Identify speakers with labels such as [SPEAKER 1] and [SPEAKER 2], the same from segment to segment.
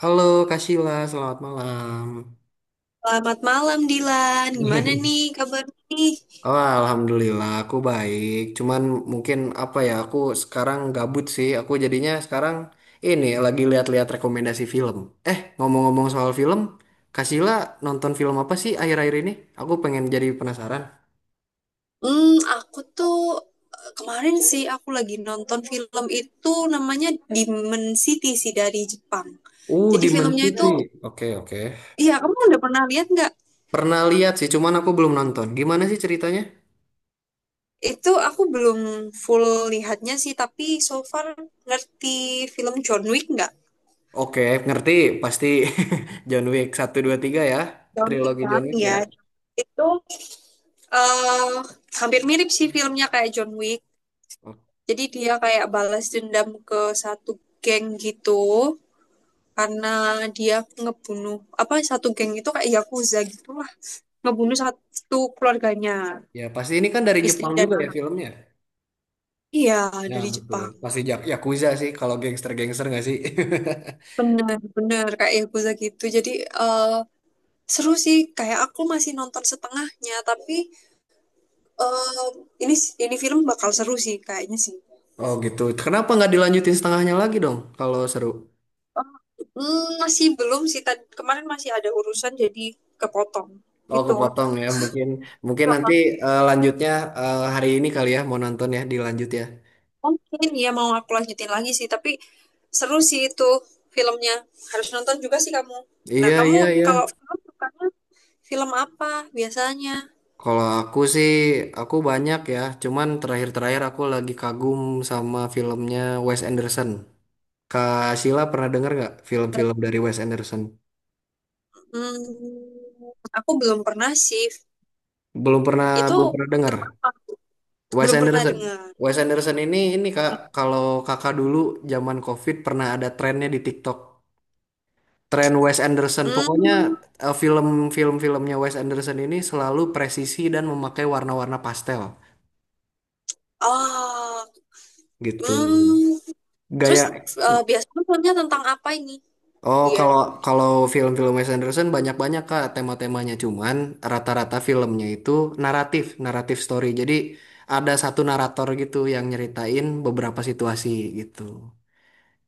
[SPEAKER 1] Halo Kak Sheila, selamat malam.
[SPEAKER 2] Selamat malam Dilan, gimana nih kabar nih?
[SPEAKER 1] Oh, alhamdulillah aku baik. Cuman mungkin apa ya, aku sekarang gabut sih. Aku jadinya sekarang ini lagi lihat-lihat rekomendasi film. Eh, ngomong-ngomong soal film, Kak Sheila nonton film apa sih akhir-akhir ini? Aku pengen jadi penasaran.
[SPEAKER 2] Aku tuh kemarin sih aku lagi nonton film itu namanya Demon City sih dari Jepang. Jadi
[SPEAKER 1] Demon
[SPEAKER 2] filmnya itu,
[SPEAKER 1] City. Oke, oke.
[SPEAKER 2] iya kamu udah pernah lihat nggak?
[SPEAKER 1] Pernah lihat sih, cuman aku belum nonton. Gimana sih ceritanya?
[SPEAKER 2] Itu aku belum full lihatnya sih, tapi so far ngerti film John Wick nggak?
[SPEAKER 1] Oke, ngerti. Pasti John Wick 1, 2, 3 ya.
[SPEAKER 2] John Wick
[SPEAKER 1] Trilogi
[SPEAKER 2] kan,
[SPEAKER 1] John Wick ya.
[SPEAKER 2] ya. Itu eh hampir mirip sih filmnya kayak John Wick. Jadi dia kayak balas dendam ke satu geng gitu. Karena dia ngebunuh apa satu geng itu kayak yakuza gitulah ngebunuh satu keluarganya
[SPEAKER 1] Ya, pasti ini kan dari
[SPEAKER 2] istri
[SPEAKER 1] Jepang
[SPEAKER 2] dan
[SPEAKER 1] juga ya
[SPEAKER 2] anak
[SPEAKER 1] filmnya.
[SPEAKER 2] iya
[SPEAKER 1] Ya,
[SPEAKER 2] dari
[SPEAKER 1] betul.
[SPEAKER 2] Jepang
[SPEAKER 1] Pasti Jak Yakuza sih kalau gangster-gangster nggak sih?
[SPEAKER 2] bener-bener kayak yakuza gitu jadi eh, seru sih kayak aku masih nonton setengahnya tapi eh, ini ini film bakal seru sih kayaknya sih.
[SPEAKER 1] Oh gitu. Kenapa nggak dilanjutin setengahnya lagi dong kalau seru?
[SPEAKER 2] Masih belum sih kemarin masih ada urusan jadi kepotong
[SPEAKER 1] Oh
[SPEAKER 2] gitu.
[SPEAKER 1] kepotong ya. Mungkin mungkin nanti
[SPEAKER 2] Heeh.
[SPEAKER 1] lanjutnya hari ini kali ya mau nonton ya dilanjut ya.
[SPEAKER 2] Mungkin ya mau aku lanjutin lagi sih tapi seru sih itu filmnya. Harus nonton juga sih kamu. Nah,
[SPEAKER 1] Iya iya
[SPEAKER 2] kamu
[SPEAKER 1] iya.
[SPEAKER 2] kalau film sukanya film apa biasanya?
[SPEAKER 1] Kalau aku sih aku banyak ya. Cuman terakhir-terakhir aku lagi kagum sama filmnya Wes Anderson. Kak Sheila pernah dengar nggak film-film dari Wes Anderson?
[SPEAKER 2] Hmm, aku belum pernah sih.
[SPEAKER 1] Belum pernah
[SPEAKER 2] Itu
[SPEAKER 1] belum pernah dengar.
[SPEAKER 2] film apa?
[SPEAKER 1] Wes
[SPEAKER 2] Belum pernah
[SPEAKER 1] Anderson.
[SPEAKER 2] dengar.
[SPEAKER 1] Wes Anderson ini Kak, kalau Kakak dulu zaman COVID pernah ada trennya di TikTok. Tren Wes Anderson. Pokoknya
[SPEAKER 2] Hmm,
[SPEAKER 1] filmnya Wes Anderson ini selalu presisi dan memakai warna-warna pastel
[SPEAKER 2] oh,
[SPEAKER 1] gitu.
[SPEAKER 2] hmm. Terus
[SPEAKER 1] Gaya
[SPEAKER 2] biasanya filmnya tentang apa ini?
[SPEAKER 1] Oh,
[SPEAKER 2] Iya.
[SPEAKER 1] kalau kalau film-film Wes Anderson banyak-banyak Kak tema-temanya cuman rata-rata filmnya itu naratif story. Jadi ada satu narator gitu yang nyeritain beberapa situasi gitu.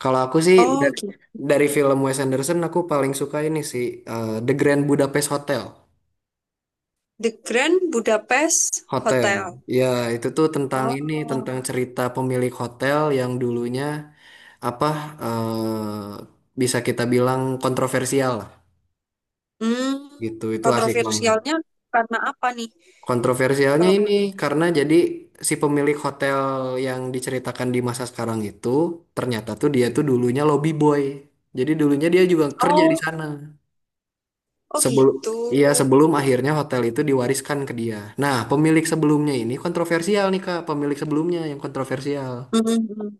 [SPEAKER 1] Kalau aku sih
[SPEAKER 2] Oh,
[SPEAKER 1] dari,
[SPEAKER 2] gitu.
[SPEAKER 1] dari film Wes Anderson aku paling suka ini sih The Grand Budapest Hotel.
[SPEAKER 2] The Grand Budapest
[SPEAKER 1] Hotel.
[SPEAKER 2] Hotel.
[SPEAKER 1] Ya, itu tuh tentang ini tentang
[SPEAKER 2] Oh.
[SPEAKER 1] cerita pemilik hotel yang dulunya apa bisa kita bilang kontroversial lah
[SPEAKER 2] Hmm,
[SPEAKER 1] gitu. Itu asik banget.
[SPEAKER 2] kontroversialnya karena apa nih?
[SPEAKER 1] Kontroversialnya
[SPEAKER 2] Kalau
[SPEAKER 1] ini
[SPEAKER 2] boleh-
[SPEAKER 1] karena jadi si pemilik hotel yang diceritakan di masa sekarang itu ternyata tuh dia tuh dulunya lobby boy. Jadi dulunya dia juga kerja di
[SPEAKER 2] Oh,
[SPEAKER 1] sana.
[SPEAKER 2] oh
[SPEAKER 1] Sebelum
[SPEAKER 2] gitu.
[SPEAKER 1] iya, sebelum akhirnya hotel itu diwariskan ke dia. Nah, pemilik sebelumnya ini kontroversial nih Kak, pemilik sebelumnya yang kontroversial.
[SPEAKER 2] Mhm.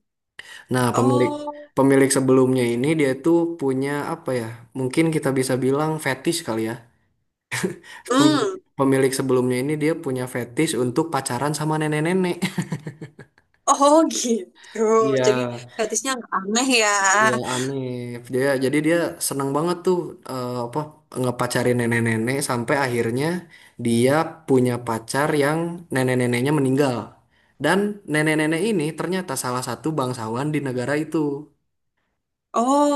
[SPEAKER 1] Nah, pemilik
[SPEAKER 2] Oh,
[SPEAKER 1] pemilik sebelumnya ini dia tuh punya apa ya? Mungkin kita bisa bilang fetish kali ya. Pemilik,
[SPEAKER 2] hmm.
[SPEAKER 1] pemilik sebelumnya ini dia punya fetish untuk pacaran sama nenek-nenek.
[SPEAKER 2] Oh, gitu.
[SPEAKER 1] Iya.
[SPEAKER 2] Jadi gratisnya nggak aneh ya.
[SPEAKER 1] Iya aneh. Jadi dia seneng banget tuh apa ngepacarin nenek-nenek sampai akhirnya dia punya pacar yang nenek-neneknya meninggal. Dan nenek-nenek ini ternyata salah satu bangsawan di negara itu.
[SPEAKER 2] Oh,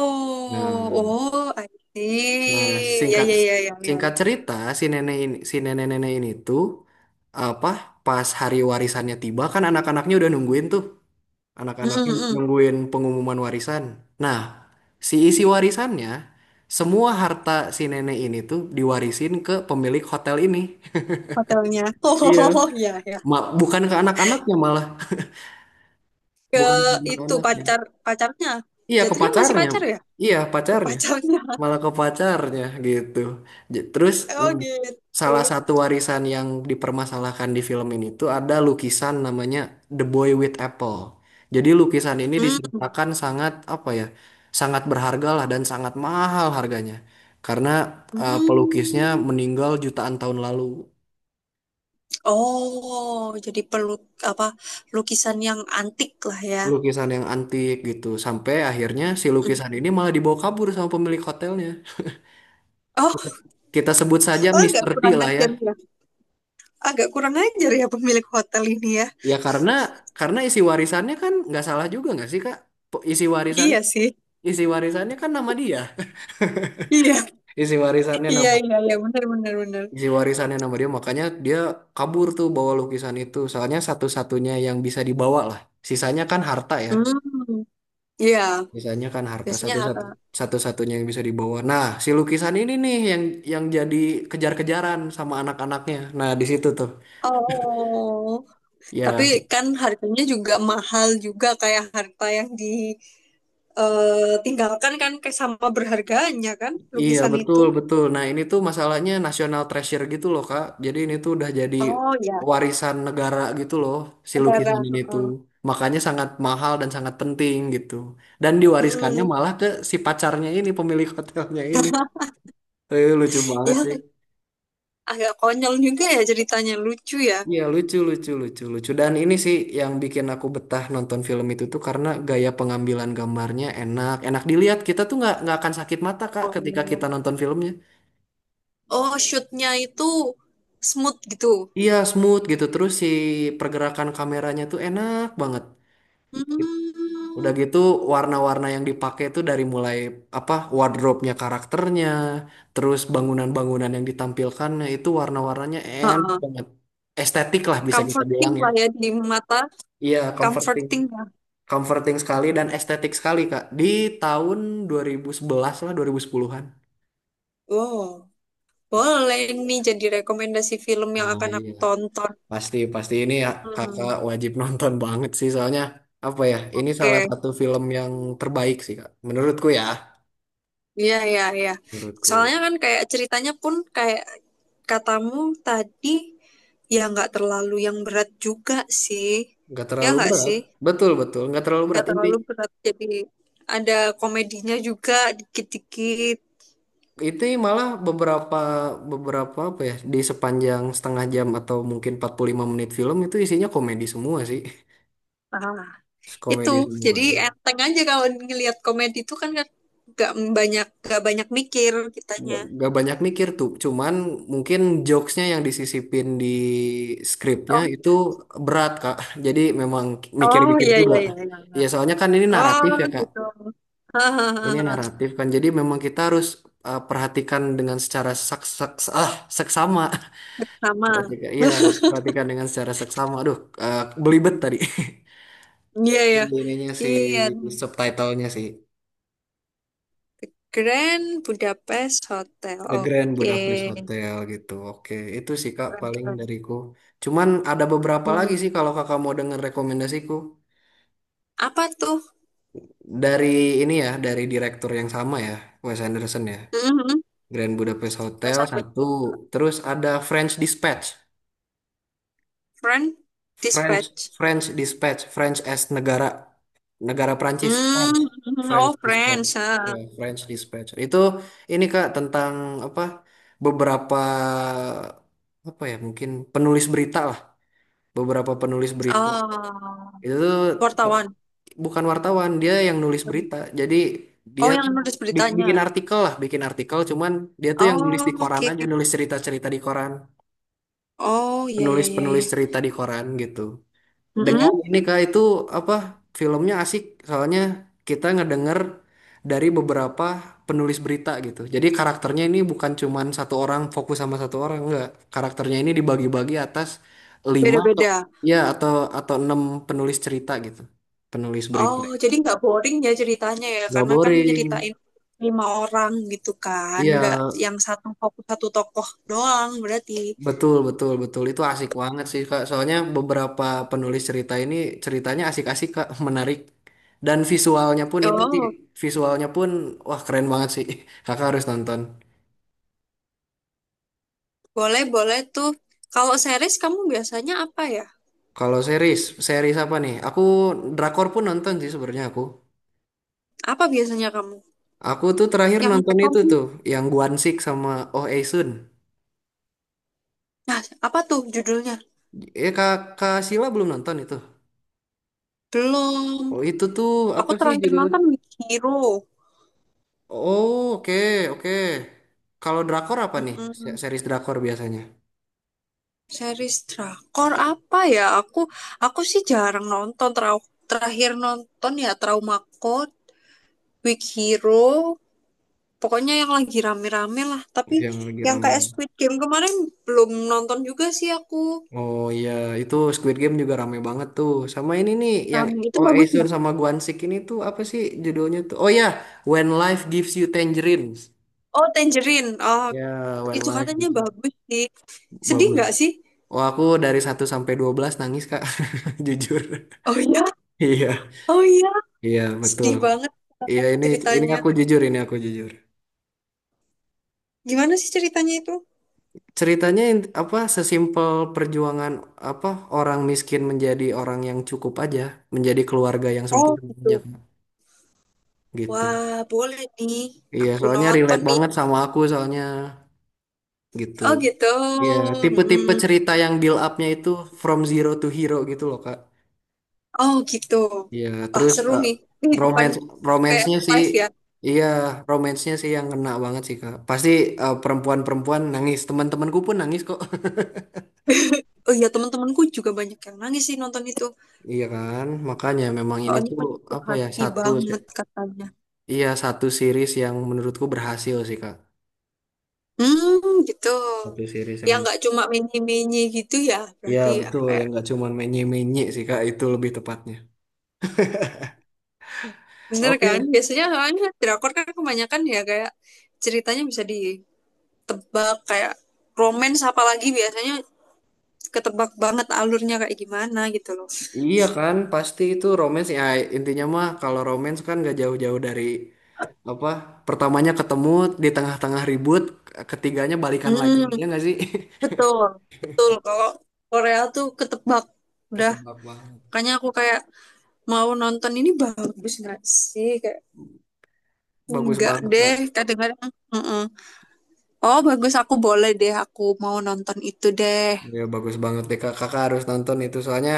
[SPEAKER 1] Nah,
[SPEAKER 2] oh, I
[SPEAKER 1] nah,
[SPEAKER 2] see. Ya,
[SPEAKER 1] singkat
[SPEAKER 2] ya, ya, ya, ya,
[SPEAKER 1] singkat
[SPEAKER 2] ya.
[SPEAKER 1] cerita si nenek-nenek ini tuh apa pas hari warisannya tiba kan anak-anaknya udah nungguin tuh.
[SPEAKER 2] Mm,
[SPEAKER 1] Anak-anaknya
[SPEAKER 2] mm, mm.
[SPEAKER 1] nungguin pengumuman warisan. Nah, si isi warisannya, semua harta si nenek ini tuh diwarisin ke pemilik hotel ini.
[SPEAKER 2] Hotelnya.
[SPEAKER 1] Iya.
[SPEAKER 2] Oh, ya, ya.
[SPEAKER 1] Bukan ke anak-anaknya malah,
[SPEAKER 2] Ke
[SPEAKER 1] bukan ke
[SPEAKER 2] itu
[SPEAKER 1] anak-anaknya.
[SPEAKER 2] pacar pacarnya.
[SPEAKER 1] Iya, ke
[SPEAKER 2] Jatuhnya masih
[SPEAKER 1] pacarnya.
[SPEAKER 2] pacar ya?
[SPEAKER 1] Iya,
[SPEAKER 2] Ke
[SPEAKER 1] pacarnya.
[SPEAKER 2] pacarnya.
[SPEAKER 1] Malah ke pacarnya gitu. Terus
[SPEAKER 2] Oh
[SPEAKER 1] nah,
[SPEAKER 2] gitu.
[SPEAKER 1] salah satu warisan yang dipermasalahkan di film ini tuh ada lukisan namanya The Boy with Apple. Jadi lukisan ini
[SPEAKER 2] Hmm.
[SPEAKER 1] diceritakan sangat apa ya, sangat berharga lah dan sangat mahal harganya. Karena pelukisnya
[SPEAKER 2] Hmm.
[SPEAKER 1] meninggal jutaan tahun lalu.
[SPEAKER 2] Oh, jadi perlu apa lukisan yang antik lah ya.
[SPEAKER 1] Lukisan yang antik gitu. Sampai akhirnya si
[SPEAKER 2] Mm.
[SPEAKER 1] lukisan ini malah dibawa kabur sama pemilik hotelnya.
[SPEAKER 2] Oh,
[SPEAKER 1] Kita sebut saja
[SPEAKER 2] oh, agak
[SPEAKER 1] Mister T
[SPEAKER 2] kurang
[SPEAKER 1] lah ya.
[SPEAKER 2] ajar ya. Agak kurang ajar ya pemilik hotel ini ya.
[SPEAKER 1] Ya karena isi warisannya kan nggak salah juga nggak sih Kak? Po- Isi warisan
[SPEAKER 2] Iya sih.
[SPEAKER 1] isi warisannya kan nama dia.
[SPEAKER 2] Iya,
[SPEAKER 1] Isi warisannya
[SPEAKER 2] iya,
[SPEAKER 1] nama
[SPEAKER 2] iya, iya, benar, benar, benar.
[SPEAKER 1] isi warisannya nama dia makanya dia kabur tuh bawa lukisan itu. Soalnya satu-satunya yang bisa dibawa lah. Sisanya kan harta ya.
[SPEAKER 2] Hmm, iya.
[SPEAKER 1] Sisanya kan harta
[SPEAKER 2] Biasanya harga.
[SPEAKER 1] satu-satunya yang bisa dibawa. Nah, si lukisan ini nih yang jadi kejar-kejaran sama anak-anaknya. Nah, di situ tuh.
[SPEAKER 2] Oh, tapi
[SPEAKER 1] Ya,
[SPEAKER 2] kan harganya juga mahal juga kayak harta yang ditinggalkan kan kayak sama berharganya kan
[SPEAKER 1] iya
[SPEAKER 2] lukisan itu.
[SPEAKER 1] betul betul. Nah ini tuh masalahnya national treasure gitu loh Kak. Jadi ini tuh udah jadi
[SPEAKER 2] Oh ya,
[SPEAKER 1] warisan negara gitu loh si
[SPEAKER 2] negara.
[SPEAKER 1] lukisan ini tuh.
[SPEAKER 2] Heeh.
[SPEAKER 1] Makanya sangat mahal dan sangat penting gitu. Dan diwariskannya
[SPEAKER 2] Hmm,
[SPEAKER 1] malah ke si pacarnya ini pemilik hotelnya ini. Eh, lucu banget
[SPEAKER 2] ya
[SPEAKER 1] sih.
[SPEAKER 2] agak konyol juga ya ceritanya lucu ya.
[SPEAKER 1] Iya lucu lucu lucu lucu. Dan ini sih yang bikin aku betah nonton film itu tuh karena gaya pengambilan gambarnya enak enak dilihat. Kita tuh nggak akan sakit mata Kak ketika kita
[SPEAKER 2] Oh,
[SPEAKER 1] nonton filmnya.
[SPEAKER 2] oh shootnya itu smooth gitu.
[SPEAKER 1] Iya smooth gitu terus si pergerakan kameranya tuh enak banget. Udah
[SPEAKER 2] Hmm,
[SPEAKER 1] gitu warna-warna yang dipakai tuh dari mulai apa wardrobe-nya karakternya, terus bangunan-bangunan yang ditampilkannya itu warna-warnanya enak
[SPEAKER 2] heeh.
[SPEAKER 1] banget. Estetik lah bisa kita
[SPEAKER 2] Comforting
[SPEAKER 1] bilang ya.
[SPEAKER 2] lah ya di mata,
[SPEAKER 1] Iya comforting,
[SPEAKER 2] comforting ya.
[SPEAKER 1] comforting sekali dan estetik sekali Kak. Di tahun 2011 lah 2010-an.
[SPEAKER 2] Wow, boleh nih jadi rekomendasi film yang
[SPEAKER 1] Nah,
[SPEAKER 2] akan aku
[SPEAKER 1] iya.
[SPEAKER 2] tonton.
[SPEAKER 1] Pasti, ini ya, kakak
[SPEAKER 2] Hmm,
[SPEAKER 1] wajib nonton banget sih soalnya apa ya? Ini salah
[SPEAKER 2] oke.
[SPEAKER 1] satu film yang terbaik sih kak, menurutku ya.
[SPEAKER 2] Iya, iya, iya.
[SPEAKER 1] Menurutku
[SPEAKER 2] Soalnya kan kayak ceritanya pun kayak katamu tadi, ya nggak terlalu yang berat juga sih.
[SPEAKER 1] nggak
[SPEAKER 2] Ya
[SPEAKER 1] terlalu
[SPEAKER 2] nggak
[SPEAKER 1] berat,
[SPEAKER 2] sih?
[SPEAKER 1] betul betul nggak terlalu
[SPEAKER 2] Nggak
[SPEAKER 1] berat.
[SPEAKER 2] terlalu berat, jadi ada komedinya juga dikit-dikit.
[SPEAKER 1] Itu malah beberapa beberapa apa ya di sepanjang setengah jam atau mungkin 45 menit film itu isinya komedi semua sih,
[SPEAKER 2] Itu,
[SPEAKER 1] komedi semua.
[SPEAKER 2] jadi enteng aja kalau ngelihat komedi itu kan nggak nggak banyak mikir
[SPEAKER 1] nggak
[SPEAKER 2] kitanya.
[SPEAKER 1] nggak banyak mikir tuh cuman mungkin jokesnya yang disisipin di skripnya
[SPEAKER 2] Oh,
[SPEAKER 1] itu berat kak jadi memang
[SPEAKER 2] oh
[SPEAKER 1] mikir-mikir
[SPEAKER 2] iya,
[SPEAKER 1] juga
[SPEAKER 2] iya, iya, iya, iya.
[SPEAKER 1] ya soalnya kan ini naratif
[SPEAKER 2] Oh
[SPEAKER 1] ya kak
[SPEAKER 2] gitu.
[SPEAKER 1] ini
[SPEAKER 2] Hahaha.
[SPEAKER 1] naratif kan jadi memang kita harus perhatikan dengan secara sak sak seksama
[SPEAKER 2] Sama.
[SPEAKER 1] perhatikan iya perhatikan dengan secara seksama aduh uh, belibet tadi
[SPEAKER 2] Iya
[SPEAKER 1] si
[SPEAKER 2] ya.
[SPEAKER 1] si
[SPEAKER 2] Iya.
[SPEAKER 1] subtitlenya sih
[SPEAKER 2] Grand Budapest Hotel.
[SPEAKER 1] The Grand Budapest
[SPEAKER 2] Oke.
[SPEAKER 1] Hotel gitu. Oke, itu sih Kak
[SPEAKER 2] Keren
[SPEAKER 1] paling
[SPEAKER 2] keren.
[SPEAKER 1] dariku. Cuman ada beberapa lagi
[SPEAKER 2] Hmm.
[SPEAKER 1] sih kalau Kakak mau dengar rekomendasiku.
[SPEAKER 2] Apa tuh?
[SPEAKER 1] Dari ini ya, dari direktur yang sama ya, Wes Anderson ya.
[SPEAKER 2] Mhm.
[SPEAKER 1] Grand Budapest Hotel
[SPEAKER 2] Bahasa Inggris.
[SPEAKER 1] satu, terus ada French Dispatch.
[SPEAKER 2] Friend
[SPEAKER 1] French
[SPEAKER 2] Dispatch.
[SPEAKER 1] French Dispatch, French as negara negara Prancis.
[SPEAKER 2] Hmm,
[SPEAKER 1] French
[SPEAKER 2] hmm, hmm.
[SPEAKER 1] French
[SPEAKER 2] Oh,
[SPEAKER 1] Dispatch.
[SPEAKER 2] Friends, ah.
[SPEAKER 1] Ya, French Dispatch. Itu ini Kak tentang apa? Beberapa apa ya mungkin penulis berita beberapa penulis berita
[SPEAKER 2] Oh,
[SPEAKER 1] itu tuh
[SPEAKER 2] wartawan.
[SPEAKER 1] bukan wartawan dia yang nulis berita jadi dia
[SPEAKER 2] Oh, yang
[SPEAKER 1] tuh
[SPEAKER 2] nulis beritanya.
[SPEAKER 1] bikin artikel lah bikin artikel cuman dia tuh yang nulis di
[SPEAKER 2] Oh,
[SPEAKER 1] koran
[SPEAKER 2] oke.
[SPEAKER 1] aja nulis cerita-cerita di koran
[SPEAKER 2] Oh, iya, iya, iya,
[SPEAKER 1] penulis-penulis
[SPEAKER 2] iya.
[SPEAKER 1] cerita di koran gitu dengan
[SPEAKER 2] Mm-mm.
[SPEAKER 1] ini Kak itu apa filmnya asik soalnya kita ngedenger dari beberapa penulis berita gitu. Jadi karakternya ini bukan cuman satu orang fokus sama satu orang enggak. Karakternya ini dibagi-bagi atas lima atau
[SPEAKER 2] Beda-beda.
[SPEAKER 1] ya atau enam penulis cerita gitu. Penulis berita.
[SPEAKER 2] Oh, jadi nggak boring ya ceritanya ya,
[SPEAKER 1] Gak
[SPEAKER 2] karena kan
[SPEAKER 1] boring.
[SPEAKER 2] nyeritain lima orang gitu kan,
[SPEAKER 1] Iya.
[SPEAKER 2] nggak yang satu fokus satu tokoh doang berarti.
[SPEAKER 1] Betul, betul, betul. Itu asik banget sih, Kak. Soalnya beberapa penulis cerita ini ceritanya asik-asik, Kak. Menarik. Dan visualnya pun itu sih,
[SPEAKER 2] Oh,
[SPEAKER 1] visualnya pun wah keren banget sih. Kakak harus nonton.
[SPEAKER 2] boleh, boleh tuh. Kalau series kamu biasanya apa ya?
[SPEAKER 1] Kalau series, apa nih? Aku drakor pun nonton sih sebenarnya aku.
[SPEAKER 2] Apa biasanya kamu?
[SPEAKER 1] Aku tuh terakhir
[SPEAKER 2] Yang
[SPEAKER 1] nonton
[SPEAKER 2] rekom?
[SPEAKER 1] itu tuh yang Gwansik sama Oh Aesun.
[SPEAKER 2] Nah, apa tuh judulnya?
[SPEAKER 1] Eh Kak, Kak Sila belum nonton itu.
[SPEAKER 2] Belum.
[SPEAKER 1] Oh itu tuh apa
[SPEAKER 2] Aku
[SPEAKER 1] sih
[SPEAKER 2] terakhir
[SPEAKER 1] judul.
[SPEAKER 2] nonton Weak Hero.
[SPEAKER 1] Oh, oke, oke. Kalau drakor apa nih?
[SPEAKER 2] Mm-mm.
[SPEAKER 1] Series drakor biasanya.
[SPEAKER 2] Series drakor apa ya? Aku sih jarang nonton terakhir nonton ya Trauma Code, Weak Hero, pokoknya yang lagi rame-rame lah. Tapi
[SPEAKER 1] Yang lagi
[SPEAKER 2] yang
[SPEAKER 1] rame.
[SPEAKER 2] kayak Squid Game kemarin belum nonton juga sih aku.
[SPEAKER 1] Oh iya, itu Squid Game juga rame banget tuh. Sama ini nih yang
[SPEAKER 2] Rame itu
[SPEAKER 1] Oh
[SPEAKER 2] bagus ya?
[SPEAKER 1] Esun sama Gwan Sik ini tuh apa sih judulnya tuh? Oh ya, When Life Gives You Tangerines.
[SPEAKER 2] Oh, Tangerine. Oh,
[SPEAKER 1] Ya, When
[SPEAKER 2] itu
[SPEAKER 1] Life
[SPEAKER 2] katanya
[SPEAKER 1] Gives You.
[SPEAKER 2] bagus sih. Sedih
[SPEAKER 1] Bagus.
[SPEAKER 2] nggak sih?
[SPEAKER 1] Oh, aku dari 1 sampai 12 nangis, Kak. Jujur.
[SPEAKER 2] Oh iya,
[SPEAKER 1] Iya.
[SPEAKER 2] oh iya.
[SPEAKER 1] Iya, betul.
[SPEAKER 2] Sedih banget kata
[SPEAKER 1] Iya, ini
[SPEAKER 2] ceritanya.
[SPEAKER 1] aku jujur, ini aku jujur.
[SPEAKER 2] Gimana sih ceritanya itu?
[SPEAKER 1] Ceritanya apa sesimpel perjuangan apa orang miskin menjadi orang yang cukup aja, menjadi keluarga yang
[SPEAKER 2] Oh,
[SPEAKER 1] sempurna aja,
[SPEAKER 2] gitu.
[SPEAKER 1] Kak. Gitu.
[SPEAKER 2] Wah, boleh nih.
[SPEAKER 1] Iya,
[SPEAKER 2] Aku
[SPEAKER 1] soalnya
[SPEAKER 2] nonton
[SPEAKER 1] relate
[SPEAKER 2] nih.
[SPEAKER 1] banget sama aku soalnya gitu.
[SPEAKER 2] Oh gitu.
[SPEAKER 1] Iya, tipe-tipe
[SPEAKER 2] Hmm.
[SPEAKER 1] cerita yang build up-nya itu from zero to hero gitu loh, Kak.
[SPEAKER 2] Oh gitu.
[SPEAKER 1] Iya,
[SPEAKER 2] Wah
[SPEAKER 1] terus
[SPEAKER 2] seru nih. Ini di depan
[SPEAKER 1] romance
[SPEAKER 2] kayak
[SPEAKER 1] romance-nya sih
[SPEAKER 2] live ya.
[SPEAKER 1] iya, romance-nya sih yang kena banget sih, Kak. Pasti perempuan-perempuan nangis, teman-temanku pun nangis kok.
[SPEAKER 2] Oh iya teman-temanku juga banyak yang nangis sih nonton itu.
[SPEAKER 1] Iya kan? Makanya memang ini
[SPEAKER 2] Soalnya
[SPEAKER 1] tuh
[SPEAKER 2] menyentuh
[SPEAKER 1] apa ya?
[SPEAKER 2] hati banget katanya.
[SPEAKER 1] Iya, satu series yang menurutku berhasil sih, Kak.
[SPEAKER 2] Hmm gitu.
[SPEAKER 1] Satu series yang
[SPEAKER 2] Ya
[SPEAKER 1] men-
[SPEAKER 2] nggak cuma menye-menye gitu ya.
[SPEAKER 1] Iya,
[SPEAKER 2] Berarti ya
[SPEAKER 1] betul
[SPEAKER 2] kayak
[SPEAKER 1] yang nggak cuma menye-menye sih, Kak. Itu lebih tepatnya.
[SPEAKER 2] bener
[SPEAKER 1] Oke.
[SPEAKER 2] kan. Biasanya soalnya drakor kan kebanyakan ya kayak ceritanya bisa ditebak kayak romance apalagi biasanya ketebak banget alurnya kayak gimana gitu loh.
[SPEAKER 1] Iya kan, pasti itu romance ya intinya mah kalau romance kan gak jauh-jauh dari apa pertamanya ketemu di tengah-tengah ribut ketiganya balikan lagi
[SPEAKER 2] Hmm.
[SPEAKER 1] ya nggak sih?
[SPEAKER 2] Betul, betul. Kalau Korea tuh ketebak. Udah,
[SPEAKER 1] Ketebak banget,
[SPEAKER 2] makanya aku kayak mau nonton ini bagus nggak sih? Kayak
[SPEAKER 1] bagus
[SPEAKER 2] enggak
[SPEAKER 1] banget kak,
[SPEAKER 2] deh, kadang-kadang. "Mm-mm. Oh, bagus aku boleh deh, aku mau nonton itu deh.
[SPEAKER 1] ya bagus banget deh kak, kakak harus nonton itu soalnya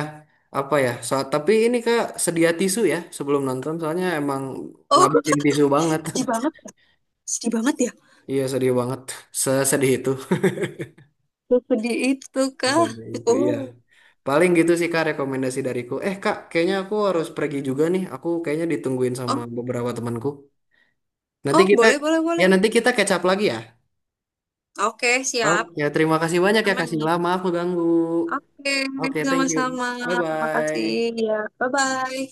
[SPEAKER 1] apa ya? So, tapi ini kak sedia tisu ya sebelum nonton soalnya emang
[SPEAKER 2] Oh,
[SPEAKER 1] ngabisin tisu banget,
[SPEAKER 2] sedih banget, sedih banget ya.
[SPEAKER 1] iya sedih banget, sesedih itu,
[SPEAKER 2] Sedih itu kah?
[SPEAKER 1] sesedih itu iya.
[SPEAKER 2] Oh,
[SPEAKER 1] Paling gitu sih Kak rekomendasi dariku. Eh Kak, kayaknya aku harus pergi juga nih. Aku kayaknya ditungguin sama
[SPEAKER 2] oh,
[SPEAKER 1] beberapa temanku. Nanti
[SPEAKER 2] oh,
[SPEAKER 1] kita
[SPEAKER 2] boleh, boleh, boleh.
[SPEAKER 1] ya nanti kita catch up lagi ya.
[SPEAKER 2] Oke, siap.
[SPEAKER 1] Oke, terima kasih banyak ya
[SPEAKER 2] Aman
[SPEAKER 1] Kak
[SPEAKER 2] nih.
[SPEAKER 1] Sila. Maaf ganggu.
[SPEAKER 2] Oke,
[SPEAKER 1] Oke, thank you.
[SPEAKER 2] sama-sama.
[SPEAKER 1] Bye
[SPEAKER 2] Terima kasih
[SPEAKER 1] bye.
[SPEAKER 2] ya. Bye-bye.